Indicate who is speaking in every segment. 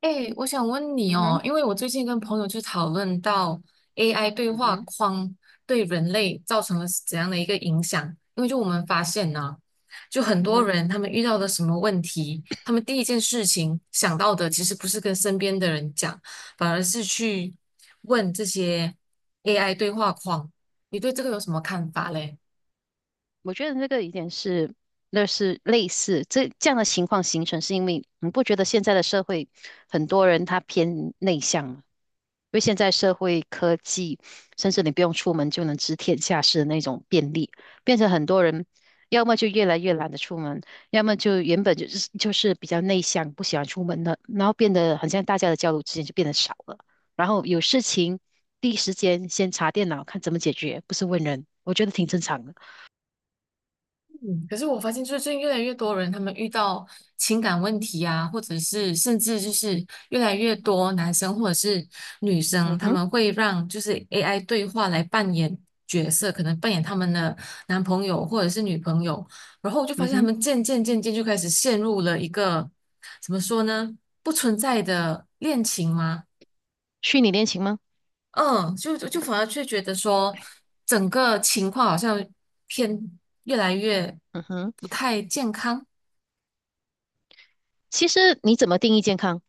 Speaker 1: 哎，我想问你哦，
Speaker 2: Mhm,
Speaker 1: 因为我最近跟朋友去讨论到 AI 对话
Speaker 2: mhm,
Speaker 1: 框对人类造成了怎样的一个影响，因为就我们发现呢，就很多
Speaker 2: mhm.
Speaker 1: 人他们遇到的什么问题，他们第一件事情想到的其实不是跟身边的人讲，反而是去问这些 AI 对话框。你对这个有什么看法嘞？
Speaker 2: 我觉得那个有点是，那是类似这样的情况形成，是因为你不觉得现在的社会很多人他偏内向吗？因为现在社会科技，甚至你不用出门就能知天下事的那种便利，变成很多人要么就越来越懒得出门，要么就原本就是比较内向，不喜欢出门的，然后变得很像大家的交流之间就变得少了，然后有事情第一时间先查电脑看怎么解决，不是问人，我觉得挺正常的。
Speaker 1: 嗯，可是我发现，就是最近越来越多人，他们遇到情感问题啊，或者是甚至就是越来越多男生或者是女生，
Speaker 2: 嗯
Speaker 1: 他
Speaker 2: 哼。
Speaker 1: 们会让就是 AI 对话来扮演角色，可能扮演他们的男朋友或者是女朋友，然后我就发
Speaker 2: 嗯
Speaker 1: 现他
Speaker 2: 哼，
Speaker 1: 们渐渐就开始陷入了一个怎么说呢，不存在的恋情吗？
Speaker 2: 虚拟恋情吗？
Speaker 1: 嗯，就反而却觉得说，整个情况好像偏越来越
Speaker 2: 嗯哼，
Speaker 1: 不太健康。
Speaker 2: 其实你怎么定义健康，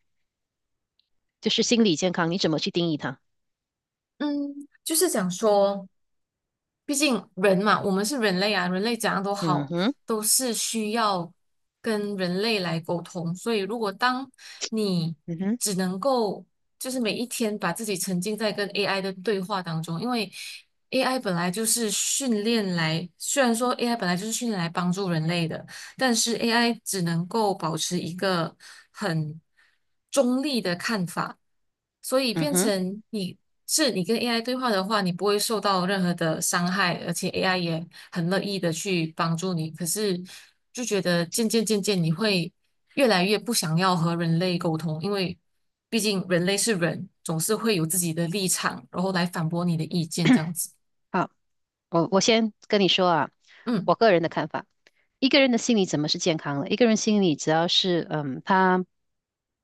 Speaker 2: 就是心理健康，你怎么去定义它？
Speaker 1: 嗯，就是讲说，毕竟人嘛，我们是人类啊，人类怎样都
Speaker 2: 嗯
Speaker 1: 好，
Speaker 2: 哼，
Speaker 1: 都是需要跟人类来沟通。所以，如果当你
Speaker 2: 嗯哼，
Speaker 1: 只能够就是每一天把自己沉浸在跟 AI 的对话当中，因为 AI 本来就是训练来，虽然说 AI 本来就是训练来帮助人类的，但是 AI 只能够保持一个很中立的看法，所以
Speaker 2: 嗯
Speaker 1: 变
Speaker 2: 哼，
Speaker 1: 成你是你跟 AI 对话的话，你不会受到任何的伤害，而且 AI 也很乐意的去帮助你。可是就觉得渐渐你会越来越不想要和人类沟通，因为毕竟人类是人，总是会有自己的立场，然后来反驳你的意见这样子。
Speaker 2: 好，我先跟你说啊，
Speaker 1: 嗯
Speaker 2: 我个人的看法，一个人的心理怎么是健康的？一个人心理只要是他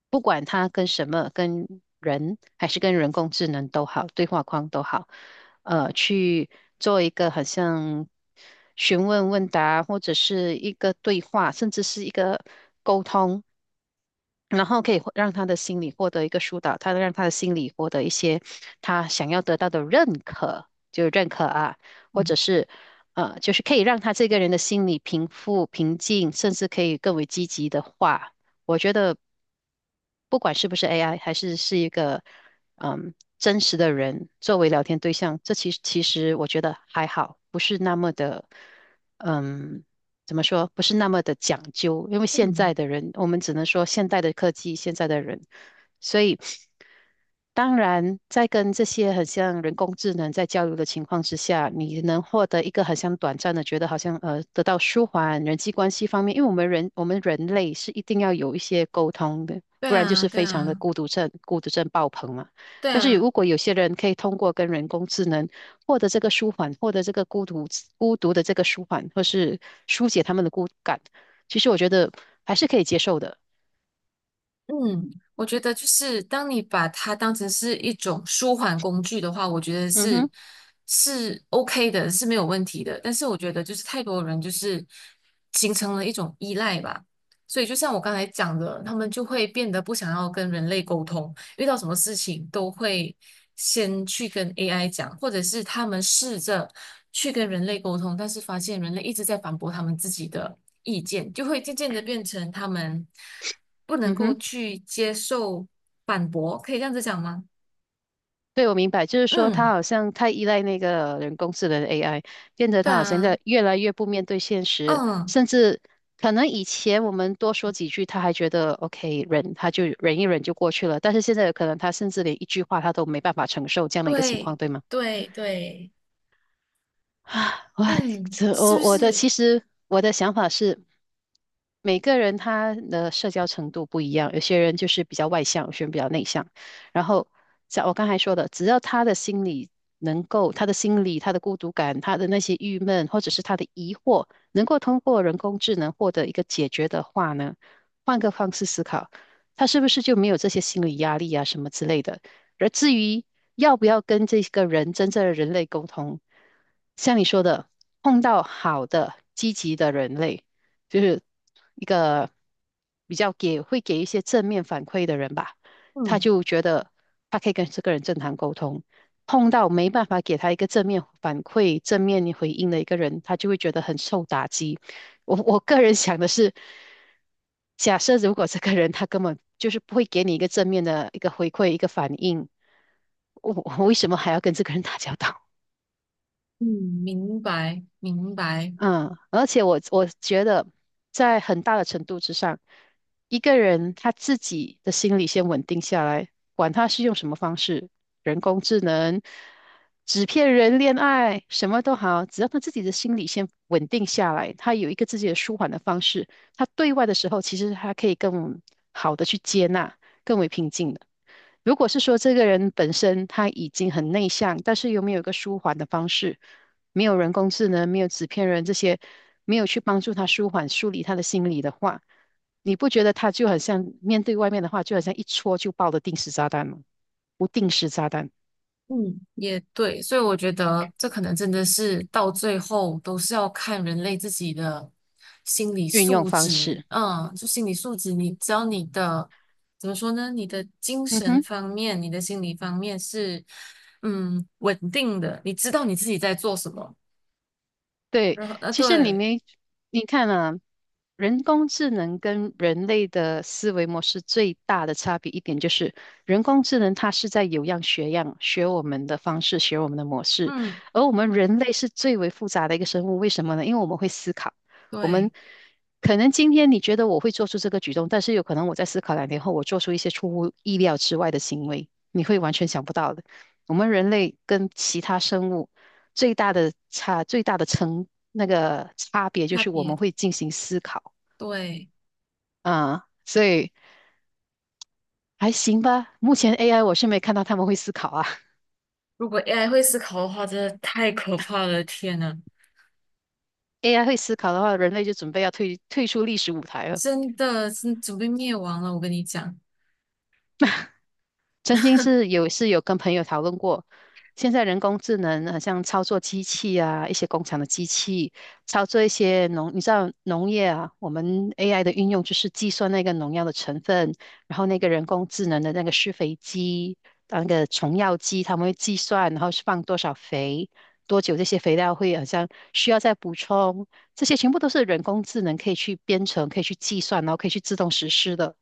Speaker 2: 不管他跟什么，跟人还是跟人工智能都好，对话框都好，去做一个好像询问问答，或者是一个对话，甚至是一个沟通。然后可以获让他的心理获得一个疏导，他让他的心理获得一些他想要得到的认可，就是认可啊，或
Speaker 1: 嗯
Speaker 2: 者是就是可以让他这个人的心理平复、平静，甚至可以更为积极的话，我觉得不管是不是 AI,还是是一个真实的人作为聊天对象，这其实我觉得还好，不是那么的嗯怎么说，不是那么的讲究，因为现
Speaker 1: 嗯，
Speaker 2: 在的人，我们只能说现代的科技，现在的人，所以当然，在跟这些很像人工智能在交流的情况之下，你能获得一个很像短暂的，觉得好像得到舒缓人际关系方面，因为我们人类是一定要有一些沟通的，
Speaker 1: 对
Speaker 2: 不然就
Speaker 1: 啊，
Speaker 2: 是
Speaker 1: 对
Speaker 2: 非常的
Speaker 1: 啊，
Speaker 2: 孤独症，孤独症爆棚嘛。
Speaker 1: 对
Speaker 2: 但是
Speaker 1: 啊。
Speaker 2: 如果有些人可以通过跟人工智能获得这个舒缓，获得这个孤独的这个舒缓，或是疏解他们的孤感，其实我觉得还是可以接受的。
Speaker 1: 嗯，我觉得就是当你把它当成是一种舒缓工具的话，我觉得
Speaker 2: 嗯
Speaker 1: 是
Speaker 2: 哼，
Speaker 1: 是 OK 的，是没有问题的。但是我觉得就是太多人就是形成了一种依赖吧，所以就像我刚才讲的，他们就会变得不想要跟人类沟通，遇到什么事情都会先去跟 AI 讲，或者是他们试着去跟人类沟通，但是发现人类一直在反驳他们自己的意见，就会渐渐的变成他们不能
Speaker 2: 嗯
Speaker 1: 够
Speaker 2: 哼。
Speaker 1: 去接受反驳，可以这样子讲吗？
Speaker 2: 对，我明白，就是说他
Speaker 1: 嗯，
Speaker 2: 好像太依赖那个人工智能 AI,变得
Speaker 1: 对
Speaker 2: 他好像
Speaker 1: 啊，
Speaker 2: 在越来越不面对现实，
Speaker 1: 嗯，
Speaker 2: 甚至可能以前我们多说几句，他还觉得 OK 忍，他就忍一忍就过去了，但是现在有可能他甚至连一句话他都没办法承受这样的一个情
Speaker 1: 对
Speaker 2: 况，对吗？
Speaker 1: 对对，
Speaker 2: 啊，我
Speaker 1: 嗯，
Speaker 2: 这
Speaker 1: 是
Speaker 2: 我
Speaker 1: 不
Speaker 2: 我的
Speaker 1: 是？
Speaker 2: 其实我的想法是，每个人他的社交程度不一样，有些人就是比较外向，有些人比较内向。然后像我刚才说的，只要他的心理能够，他的心理、他的孤独感、他的那些郁闷或者是他的疑惑，能够通过人工智能获得一个解决的话呢，换个方式思考，他是不是就没有这些心理压力啊什么之类的？而至于要不要跟这个人真正的人类沟通，像你说的，碰到好的、积极的人类，就是一个比较给会给一些正面反馈的人吧，他
Speaker 1: 嗯
Speaker 2: 就觉得他可以跟这个人正常沟通。碰到没办法给他一个正面反馈、正面回应的一个人，他就会觉得很受打击。我个人想的是，假设如果这个人他根本就是不会给你一个正面的一个回馈，一个反应，我为什么还要跟这个人打交道？
Speaker 1: 嗯，明白明白。
Speaker 2: 嗯，而且我觉得，在很大的程度之上，一个人他自己的心理先稳定下来，管他是用什么方式，人工智能、纸片人恋爱，什么都好，只要他自己的心理先稳定下来，他有一个自己的舒缓的方式，他对外的时候，其实他可以更好的去接纳，更为平静的。如果是说这个人本身他已经很内向，但是又没有一个舒缓的方式？没有人工智能，没有纸片人这些，没有去帮助他舒缓、梳理他的心理的话，你不觉得他就很像面对外面的话，就好像一戳就爆的定时炸弹吗？不定时炸弹
Speaker 1: 嗯，也对，所以我觉得这可能真的是到最后都是要看人类自己的心理
Speaker 2: 运用
Speaker 1: 素
Speaker 2: 方
Speaker 1: 质，
Speaker 2: 式，
Speaker 1: 嗯，就心理素质你，只要你的怎么说呢，你的精
Speaker 2: 嗯
Speaker 1: 神
Speaker 2: 哼，
Speaker 1: 方面、你的心理方面是嗯稳定的，你知道你自己在做什么，
Speaker 2: 对，
Speaker 1: 然后
Speaker 2: 其实你
Speaker 1: 对，
Speaker 2: 没，你看啊，人工智能跟人类的思维模式最大的差别一点就是，人工智能它是在有样学样，学我们的方式，学我们的模式，
Speaker 1: 嗯
Speaker 2: 而我们人类是最为复杂的一个生物。为什么呢？因为我们会思考，我们
Speaker 1: 对，
Speaker 2: 可能今天你觉得我会做出这个举动，但是有可能我在思考两天后，我做出一些出乎意料之外的行为，你会完全想不到的。我们人类跟其他生物最大的那个差别就
Speaker 1: 差
Speaker 2: 是我们
Speaker 1: 别
Speaker 2: 会进行思考。
Speaker 1: 对，
Speaker 2: 嗯，所以还行吧。目前 AI 我是没看到他们会思考啊。
Speaker 1: 如果 AI 会思考的话，真的太可怕了，天呐，
Speaker 2: AI 会思考的话，人类就准备要退出历史舞台了。
Speaker 1: 真的是准备灭亡了，我跟你讲。
Speaker 2: 曾经是 有是有跟朋友讨论过，现在人工智能好像操作机器啊，一些工厂的机器，操作一些农，你知道农业啊，我们 AI 的运用就是计算那个农药的成分，然后那个人工智能的那个施肥机，啊那个虫药机，他们会计算，然后是放多少肥，多久这些肥料会好像需要再补充，这些全部都是人工智能可以去编程、可以去计算，然后可以去自动实施的。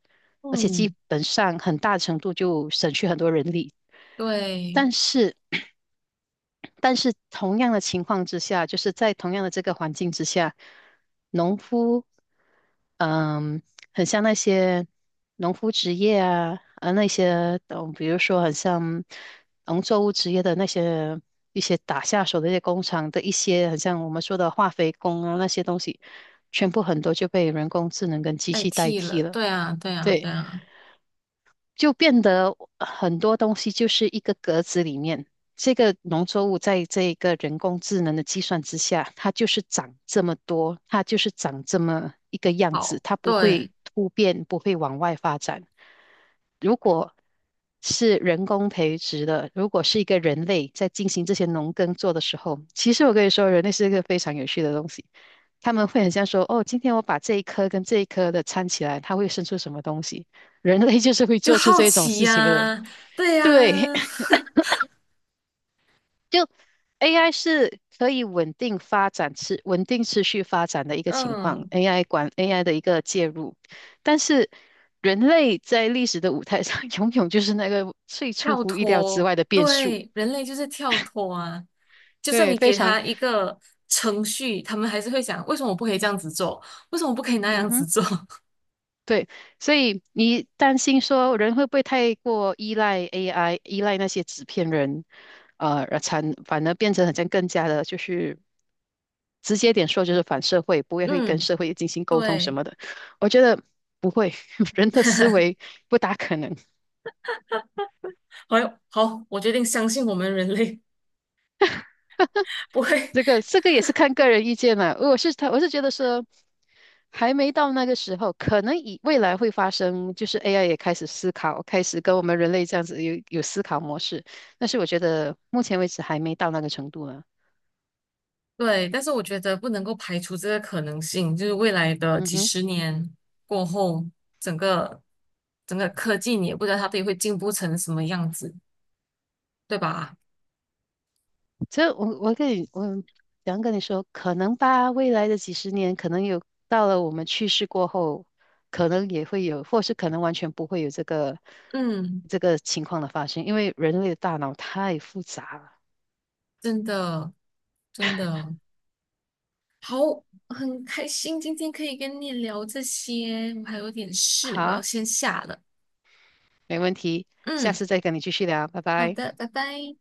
Speaker 2: 而且基
Speaker 1: 嗯。
Speaker 2: 本上很大程度就省去很多人力。
Speaker 1: 对，
Speaker 2: 但是，但是同样的情况之下，就是在同样的这个环境之下，农夫，嗯，很像那些农夫职业啊，那些，嗯，比如说很像农作物职业的那些一些打下手的一些工厂的一些，很像我们说的化肥工啊那些东西，全部很多就被人工智能跟机
Speaker 1: 代
Speaker 2: 器代
Speaker 1: 替了，
Speaker 2: 替了。
Speaker 1: 对啊，对啊，
Speaker 2: 对。
Speaker 1: 对啊，
Speaker 2: 就变得很多东西就是一个格子里面，这个农作物在这个人工智能的计算之下，它就是长这么多，它就是长这么一个样子，
Speaker 1: 好，
Speaker 2: 它不
Speaker 1: 对，
Speaker 2: 会突变，不会往外发展。如果是人工培植的，如果是一个人类在进行这些农耕做的时候，其实我跟你说，人类是一个非常有趣的东西。他们会很像说，哦，今天我把这一颗跟这一颗的掺起来，它会生出什么东西？人类就是会
Speaker 1: 就
Speaker 2: 做出
Speaker 1: 好
Speaker 2: 这种
Speaker 1: 奇
Speaker 2: 事情的人。
Speaker 1: 呀、对呀、
Speaker 2: 对，就 AI 是可以稳定发展、稳定持续发展的一 个情况
Speaker 1: 嗯，
Speaker 2: ，AI 管 AI 的一个介入，但是人类在历史的舞台上 永远就是那个最出
Speaker 1: 跳
Speaker 2: 乎意料之
Speaker 1: 脱，
Speaker 2: 外的变数。
Speaker 1: 对，人类就是跳脱啊，就算
Speaker 2: 对，
Speaker 1: 你
Speaker 2: 非
Speaker 1: 给
Speaker 2: 常，
Speaker 1: 他一个程序，他们还是会想，为什么我不可以这样子做？为什么我不可以那
Speaker 2: 嗯
Speaker 1: 样子
Speaker 2: 哼，
Speaker 1: 做？
Speaker 2: 对，所以你担心说人会不会太过依赖 AI,依赖那些纸片人，反而变成好像更加的，就是直接点说就是反社会，不 会会跟
Speaker 1: 嗯，
Speaker 2: 社会进行沟通什
Speaker 1: 对，
Speaker 2: 么的。我觉得不会，人的思维不大可能。
Speaker 1: 好，好，我决定相信我们人类不会。
Speaker 2: 这个也是看个人意见了。我是觉得说还没到那个时候，可能以未来会发生，就是 AI 也开始思考，开始跟我们人类这样子有思考模式。但是我觉得目前为止还没到那个程度呢。
Speaker 1: 对，但是我觉得不能够排除这个可能性，就是未来的
Speaker 2: 嗯
Speaker 1: 几
Speaker 2: 哼。
Speaker 1: 十年过后，整个整个科技你也不知道它到底会进步成什么样子，对吧？
Speaker 2: 所以我想跟你说，可能吧，未来的几十年，可能有到了我们去世过后，可能也会有，或是可能完全不会有这个
Speaker 1: 嗯，
Speaker 2: 这个情况的发生，因为人类的大脑太复杂了。
Speaker 1: 真的真的好，很开心今天可以跟你聊这些，我还有点事，我要
Speaker 2: 好，
Speaker 1: 先下了。
Speaker 2: 没问题，下
Speaker 1: 嗯，
Speaker 2: 次再跟你继续聊，拜
Speaker 1: 好
Speaker 2: 拜。
Speaker 1: 的，拜拜。